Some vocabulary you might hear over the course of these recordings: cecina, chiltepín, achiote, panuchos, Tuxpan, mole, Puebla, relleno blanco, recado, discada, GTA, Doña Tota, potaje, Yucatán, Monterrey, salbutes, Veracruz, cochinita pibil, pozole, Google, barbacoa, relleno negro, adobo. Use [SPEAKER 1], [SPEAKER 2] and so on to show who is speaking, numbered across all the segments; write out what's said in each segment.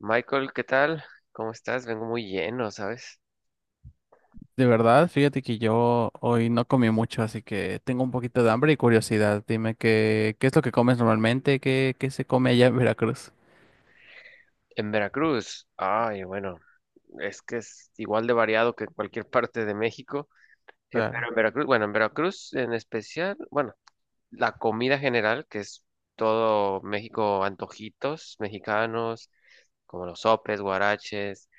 [SPEAKER 1] Michael, ¿qué tal? ¿Cómo estás? Vengo muy lleno, ¿sabes?
[SPEAKER 2] De verdad, fíjate que yo hoy no comí mucho, así que tengo un poquito de hambre y curiosidad. Dime qué es lo que comes normalmente, qué se come allá en Veracruz.
[SPEAKER 1] En Veracruz. Ay, bueno, es que es igual de variado que en cualquier parte de México, pero
[SPEAKER 2] Claro.
[SPEAKER 1] en Veracruz, bueno, en Veracruz en especial, bueno, la comida general, que es todo México, antojitos mexicanos, como los sopes, guaraches,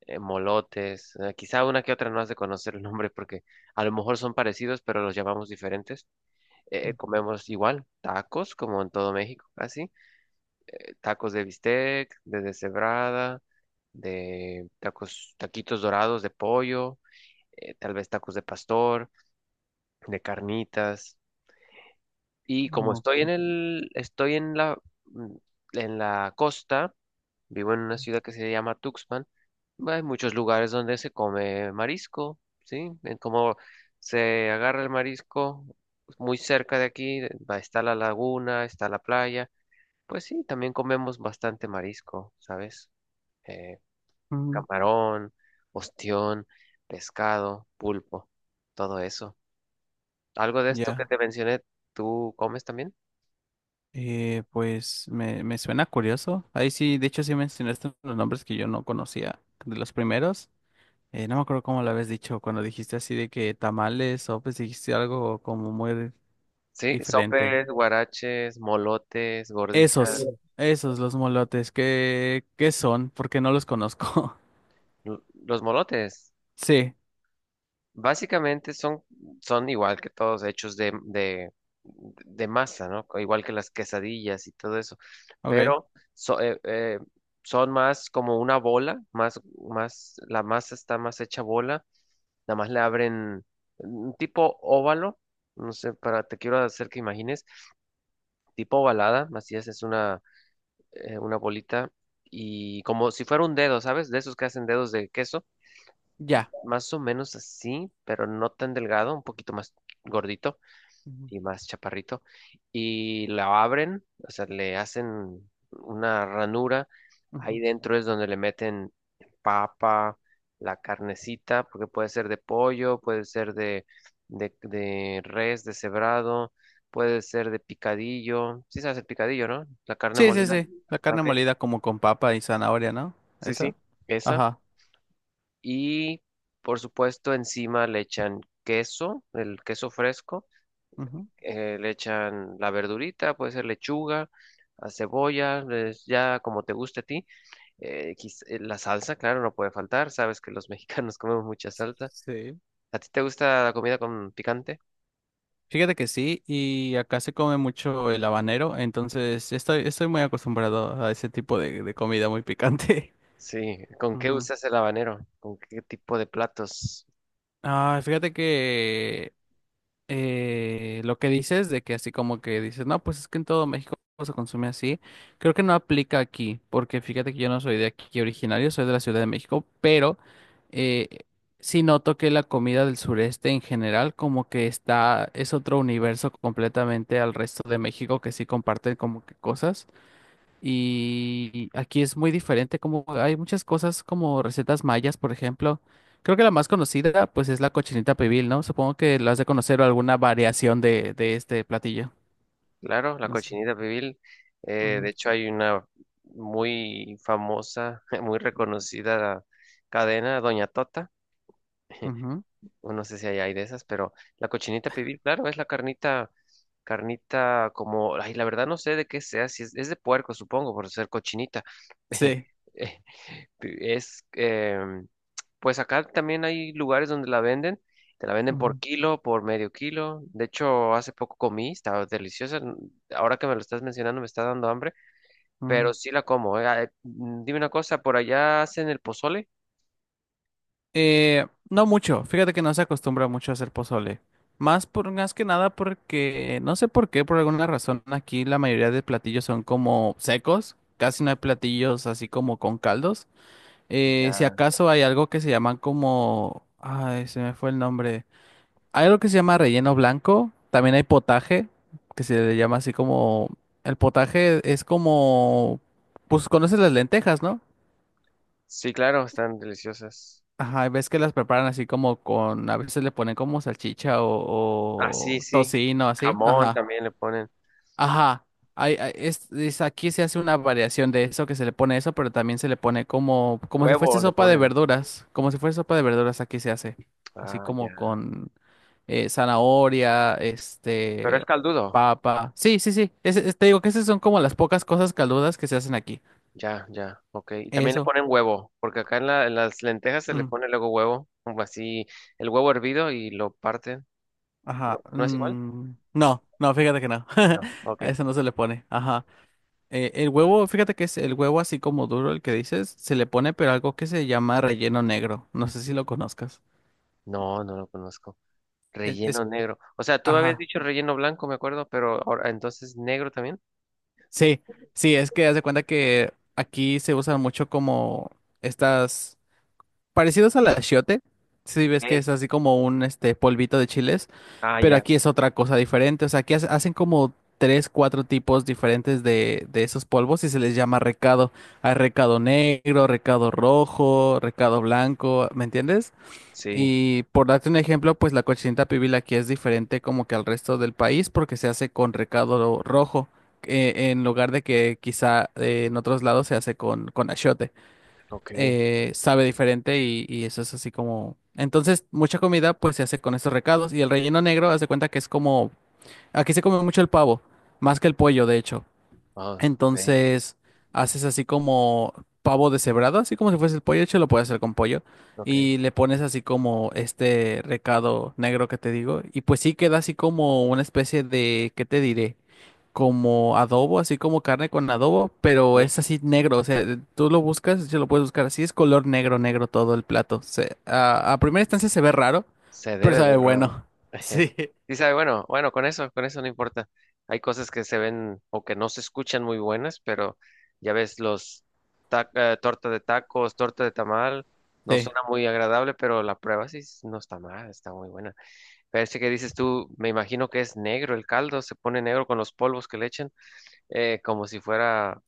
[SPEAKER 1] molotes, quizá una que otra no has de conocer el nombre porque a lo mejor son parecidos, pero los llamamos diferentes.
[SPEAKER 2] Mm,
[SPEAKER 1] Comemos igual, tacos, como en todo México, así. Tacos de bistec, de deshebrada, de tacos, taquitos dorados de pollo, tal vez tacos de pastor, de carnitas. Y
[SPEAKER 2] mm,
[SPEAKER 1] como estoy en
[SPEAKER 2] ok.
[SPEAKER 1] el, estoy en la, mm, en la costa, vivo en una ciudad que se llama Tuxpan, hay muchos lugares donde se come marisco, ¿sí? En como se agarra el marisco muy cerca de aquí, está la laguna, está la playa. Pues sí, también comemos bastante marisco, ¿sabes? eh,
[SPEAKER 2] Mm.
[SPEAKER 1] Camarón, ostión, pescado, pulpo, todo eso. ¿Algo de esto que
[SPEAKER 2] Ya.
[SPEAKER 1] te mencioné, tú comes también?
[SPEAKER 2] Pues me suena curioso. Ahí sí, de hecho sí mencionaste los nombres que yo no conocía de los primeros. No me acuerdo cómo lo habías dicho cuando dijiste así de que tamales o pues dijiste algo como muy
[SPEAKER 1] Sí,
[SPEAKER 2] diferente.
[SPEAKER 1] sopes, guaraches, molotes, gorditas.
[SPEAKER 2] Esos, los molotes, ¿qué, qué son? Porque no los conozco.
[SPEAKER 1] L- Los molotes
[SPEAKER 2] Sí,
[SPEAKER 1] básicamente son, son igual que todos, hechos de masa, ¿no? Igual que las quesadillas y todo eso,
[SPEAKER 2] ok.
[SPEAKER 1] pero son más como una bola, la masa está más hecha bola, nada más le abren un tipo óvalo, no sé, para, te quiero hacer que imagines, tipo ovalada, así es una bolita y como si fuera un dedo, ¿sabes? De esos que hacen dedos de queso,
[SPEAKER 2] Ya.
[SPEAKER 1] más o menos así, pero no tan delgado, un poquito más gordito
[SPEAKER 2] Ujú,
[SPEAKER 1] y más chaparrito, y la abren, o sea, le hacen una ranura, ahí
[SPEAKER 2] ujú.
[SPEAKER 1] dentro es donde le meten papa, la carnecita, porque puede ser de pollo, puede ser de res deshebrado, puede ser de picadillo, sí sabes el picadillo, ¿no? La carne
[SPEAKER 2] Sí, sí,
[SPEAKER 1] molida.
[SPEAKER 2] sí. La carne
[SPEAKER 1] Ok.
[SPEAKER 2] molida como con papa y zanahoria, ¿no?
[SPEAKER 1] Sí, sí,
[SPEAKER 2] ¿Eso?
[SPEAKER 1] esa.
[SPEAKER 2] Ajá.
[SPEAKER 1] Y por supuesto encima le echan queso, el queso fresco,
[SPEAKER 2] Ujú.
[SPEAKER 1] le echan la verdurita, puede ser lechuga, a cebolla, ya como te guste a ti. La salsa, claro, no puede faltar, sabes que los mexicanos comemos mucha salsa.
[SPEAKER 2] Sí.
[SPEAKER 1] ¿A ti te gusta la comida con picante?
[SPEAKER 2] Fíjate que sí, y acá se come mucho el habanero, entonces estoy muy acostumbrado a ese tipo de comida muy picante.
[SPEAKER 1] Sí, ¿con qué
[SPEAKER 2] Ujú.
[SPEAKER 1] usas el habanero? ¿Con qué tipo de platos?
[SPEAKER 2] Ah, fíjate que lo que dices de que así como que dices, no, pues es que en todo México se consume así, creo que no aplica aquí, porque fíjate que yo no soy de aquí originario, soy de la Ciudad de México, pero eh, sí noto que la comida del sureste en general como que está, es otro universo completamente al resto de México que sí comparten como que cosas. Y aquí es muy diferente, como hay muchas cosas como recetas mayas, por ejemplo. Creo que la más conocida, pues, es la cochinita pibil, ¿no? Supongo que la has de conocer o alguna variación de este platillo.
[SPEAKER 1] Claro, la
[SPEAKER 2] No sé.
[SPEAKER 1] cochinita pibil. De
[SPEAKER 2] Ujú,
[SPEAKER 1] hecho, hay una muy famosa, muy reconocida cadena, Doña Tota.
[SPEAKER 2] ujú.
[SPEAKER 1] Bueno, no sé si allá hay de esas, pero la cochinita pibil, claro, es la carnita, carnita como, ay, la verdad no sé de qué sea, si es de puerco, supongo, por ser cochinita.
[SPEAKER 2] Sí.
[SPEAKER 1] Eh, Es, em, pues acá también hay lugares donde la venden, te la venden por
[SPEAKER 2] Ujú,
[SPEAKER 1] kilo, por medio kilo. De hecho, hace poco comí, estaba deliciosa. Ahora que me lo estás mencionando, me está dando hambre, pero
[SPEAKER 2] ujú.
[SPEAKER 1] sí la como. Dime una cosa, ¿por allá hacen el pozole?
[SPEAKER 2] No mucho. Fíjate que no se acostumbra mucho a hacer pozole. Más por, más que nada porque, no sé por qué, por alguna razón, aquí la mayoría de platillos son como secos. Casi no hay platillos así como con caldos. Si
[SPEAKER 1] Ya.
[SPEAKER 2] acaso hay algo que se llaman como… Ay, se me fue el nombre. Hay algo que se llama relleno blanco. También hay potaje, que se le llama así como… El potaje es como… Pues conoces las lentejas, ¿no?
[SPEAKER 1] Sí, claro, están deliciosas.
[SPEAKER 2] Ajá, y ves que las preparan así como con… A veces le ponen como salchicha
[SPEAKER 1] Ah, sí,
[SPEAKER 2] o
[SPEAKER 1] sí.
[SPEAKER 2] tocino, así.
[SPEAKER 1] Jamón
[SPEAKER 2] Ajá.
[SPEAKER 1] también le ponen.
[SPEAKER 2] Ajá, aquí se hace una variación de eso, que se le pone eso, pero también se le pone como, como si
[SPEAKER 1] Huevo
[SPEAKER 2] fuese
[SPEAKER 1] le
[SPEAKER 2] sopa de
[SPEAKER 1] ponen.
[SPEAKER 2] verduras, como si fuese sopa de verduras aquí se hace, así
[SPEAKER 1] Ah,
[SPEAKER 2] como
[SPEAKER 1] ya.
[SPEAKER 2] con zanahoria,
[SPEAKER 1] Pero es caldudo.
[SPEAKER 2] papa, sí, sí, sí, te digo que esas son como las pocas cosas caldudas que se hacen aquí,
[SPEAKER 1] Ya, ya. Ok. Y también le
[SPEAKER 2] eso,
[SPEAKER 1] ponen huevo, porque acá en, en las lentejas se le
[SPEAKER 2] mm,
[SPEAKER 1] pone luego huevo, como así, el huevo hervido y lo parten.
[SPEAKER 2] ajá,
[SPEAKER 1] ¿No, no es igual?
[SPEAKER 2] mm, no, no, fíjate que no,
[SPEAKER 1] No. Ok.
[SPEAKER 2] a eso no se le pone. Ajá. El huevo, fíjate que es el huevo así como duro el que dices, se le pone pero algo que se llama relleno negro. No sé si lo conozcas.
[SPEAKER 1] No, no lo conozco.
[SPEAKER 2] Es,
[SPEAKER 1] Relleno
[SPEAKER 2] es-
[SPEAKER 1] negro. O sea, tú me habías
[SPEAKER 2] ajá.
[SPEAKER 1] dicho relleno blanco, me acuerdo, pero ahora, entonces negro también.
[SPEAKER 2] Sí, sí, es que haz de cuenta que aquí se usan mucho como estas parecidos al achiote. Sí,
[SPEAKER 1] Ok.
[SPEAKER 2] ves que es así como un este polvito de chiles,
[SPEAKER 1] Ah,
[SPEAKER 2] pero
[SPEAKER 1] ya.
[SPEAKER 2] aquí es otra cosa diferente. O sea, aquí hacen como tres, cuatro tipos diferentes de esos polvos y se les llama recado. Hay recado negro, recado rojo, recado blanco, ¿me entiendes?
[SPEAKER 1] Sí.
[SPEAKER 2] Y por darte un ejemplo, pues la cochinita pibil aquí es diferente como que al resto del país porque se hace con recado rojo, en lugar de que quizá en otros lados se hace con achiote.
[SPEAKER 1] Ok.
[SPEAKER 2] Sabe diferente y eso es así como… Entonces, mucha comida pues se hace con estos recados y el relleno negro, haz de cuenta que es como… Aquí se come mucho el pavo, más que el pollo, de hecho.
[SPEAKER 1] Ah, ok.
[SPEAKER 2] Entonces haces así como pavo deshebrado, así como si fuese el pollo, de hecho lo puedes hacer con pollo.
[SPEAKER 1] Ok.
[SPEAKER 2] Y le pones así como este recado negro que te digo. Y pues sí queda así como una especie de, ¿qué te diré? Como adobo, así como carne con adobo, pero
[SPEAKER 1] Sí.
[SPEAKER 2] es así negro. O sea, tú lo buscas, yo lo puedes buscar así, es color negro, negro todo el plato. A, a primera instancia se ve raro,
[SPEAKER 1] Se
[SPEAKER 2] pero
[SPEAKER 1] debe
[SPEAKER 2] sabe
[SPEAKER 1] ver raro.
[SPEAKER 2] bueno. Sí.
[SPEAKER 1] Sí, sabe, bueno, bueno, con eso no importa. Hay cosas que se ven o que no se escuchan muy buenas, pero ya ves, los torta de tacos, torta de tamal, no
[SPEAKER 2] Sí.
[SPEAKER 1] suena muy agradable, pero la prueba no está mal, está muy buena. Pero este que dices tú, me imagino que es negro el caldo, se pone negro con los polvos que le echan, como si fuera,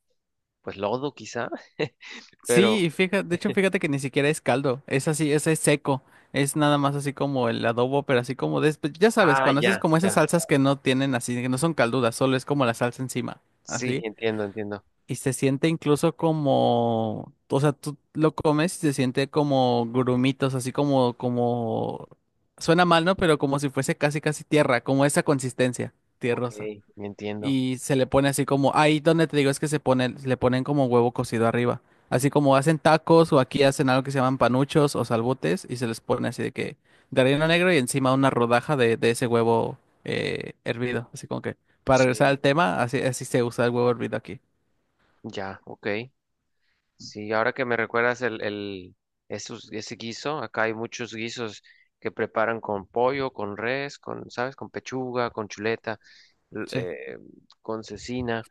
[SPEAKER 1] pues, lodo quizá,
[SPEAKER 2] Sí,
[SPEAKER 1] pero...
[SPEAKER 2] y fíjate, de hecho, fíjate que ni siquiera es caldo, es así, es seco, es nada más así como el adobo, pero así como de, pues, ya sabes,
[SPEAKER 1] Ah,
[SPEAKER 2] cuando haces
[SPEAKER 1] ya,
[SPEAKER 2] como esas
[SPEAKER 1] ya.
[SPEAKER 2] salsas que no tienen así, que no son caldudas, solo es como la salsa encima,
[SPEAKER 1] Sí,
[SPEAKER 2] así,
[SPEAKER 1] entiendo, entiendo.
[SPEAKER 2] y se siente incluso como, o sea, tú lo comes y se siente como grumitos, así como, como, suena mal, ¿no? Pero como si fuese casi, casi tierra, como esa consistencia,
[SPEAKER 1] Ok,
[SPEAKER 2] tierrosa
[SPEAKER 1] me entiendo.
[SPEAKER 2] y se le pone así como, ahí donde te digo es que se pone, le ponen como huevo cocido arriba. Así como hacen tacos o aquí hacen algo que se llaman panuchos o salbutes y se les pone así de que de relleno negro y encima una rodaja de ese huevo hervido. Así como que para regresar al
[SPEAKER 1] Sí.
[SPEAKER 2] tema, así, así se usa el huevo hervido aquí.
[SPEAKER 1] Ya, ok. Sí, ahora que me recuerdas ese guiso, acá hay muchos guisos que preparan con pollo, con res, con, ¿sabes? Con pechuga, con chuleta, l-
[SPEAKER 2] Sí.
[SPEAKER 1] eh, con cecina,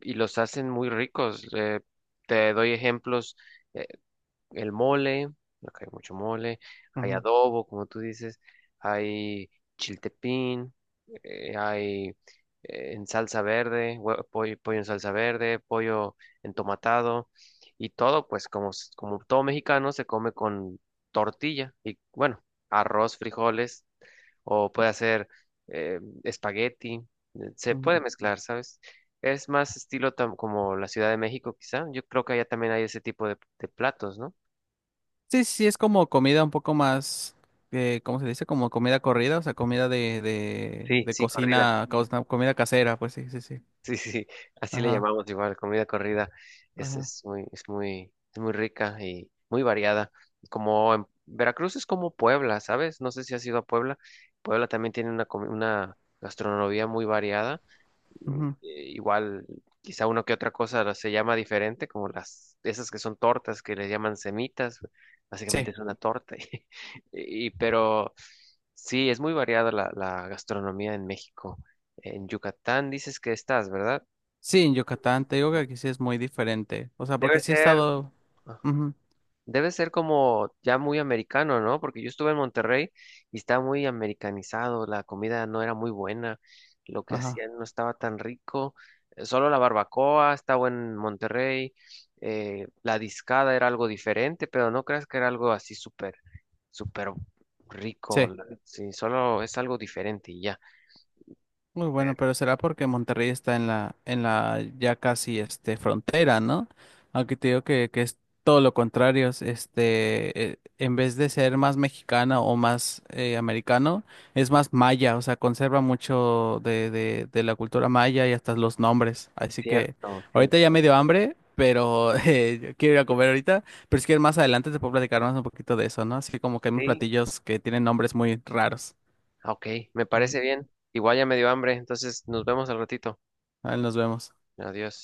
[SPEAKER 1] y los hacen muy ricos. Te doy ejemplos: el mole, acá hay mucho mole, hay
[SPEAKER 2] Ujú,
[SPEAKER 1] adobo, como tú dices, hay chiltepín, hay en salsa verde, pollo, pollo en salsa verde, pollo entomatado y todo, pues como, como todo mexicano se come con tortilla y bueno, arroz, frijoles o puede hacer espagueti, se puede
[SPEAKER 2] ujú.
[SPEAKER 1] mezclar, ¿sabes? Es más estilo como la Ciudad de México, quizá. Yo creo que allá también hay ese tipo de platos, ¿no?
[SPEAKER 2] Sí, sí, es como comida un poco más, ¿cómo se dice? Como comida corrida, o sea, comida
[SPEAKER 1] Sí,
[SPEAKER 2] de
[SPEAKER 1] sí, corrida.
[SPEAKER 2] cocina, comida casera, pues sí, sí, sí.
[SPEAKER 1] Sí, sí, sí, así le
[SPEAKER 2] Ajá,
[SPEAKER 1] llamamos igual, comida corrida.
[SPEAKER 2] ajá.
[SPEAKER 1] Es muy rica y muy variada. Como en Veracruz es como Puebla, ¿sabes? No sé si has ido a Puebla. Puebla también tiene una gastronomía muy variada,
[SPEAKER 2] Ujú.
[SPEAKER 1] igual, quizá uno que otra cosa se llama diferente, como las, esas que son tortas, que les llaman semitas, básicamente
[SPEAKER 2] Sí.
[SPEAKER 1] es una torta, pero sí, es muy variada la gastronomía en México. En Yucatán dices que estás, ¿verdad?
[SPEAKER 2] Sí, en Yucatán, te digo que
[SPEAKER 1] No.
[SPEAKER 2] aquí sí es muy diferente. O sea,
[SPEAKER 1] Debe
[SPEAKER 2] porque sí he
[SPEAKER 1] ser.
[SPEAKER 2] estado… Ujú.
[SPEAKER 1] Debe ser como ya muy americano, ¿no? Porque yo estuve en Monterrey y estaba muy americanizado, la comida no era muy buena, lo que
[SPEAKER 2] Ajá.
[SPEAKER 1] hacían no estaba tan rico, solo la barbacoa estaba en Monterrey, la discada era algo diferente, pero no creas que era algo así súper, súper rico,
[SPEAKER 2] Sí.
[SPEAKER 1] sí, solo es algo diferente y ya.
[SPEAKER 2] Muy bueno,
[SPEAKER 1] Pero
[SPEAKER 2] pero será porque Monterrey está en la ya casi este frontera, ¿no? Aunque te digo que es todo lo contrario, es, este, en vez de ser más mexicano o más americano, es más maya, o sea, conserva mucho de, de la cultura maya y hasta los nombres. Así que
[SPEAKER 1] cierto,
[SPEAKER 2] ahorita ya
[SPEAKER 1] cierto.
[SPEAKER 2] me dio hambre, pero yo quiero ir a
[SPEAKER 1] Sí,
[SPEAKER 2] comer ahorita, pero es que más adelante te puedo platicar más un poquito de eso, ¿no? Así que como que hay unos
[SPEAKER 1] sí.
[SPEAKER 2] platillos que tienen nombres muy raros.
[SPEAKER 1] Ok, me parece
[SPEAKER 2] Ujú.
[SPEAKER 1] bien. Igual ya me dio hambre, entonces nos vemos al ratito.
[SPEAKER 2] Ahí nos vemos.
[SPEAKER 1] Adiós.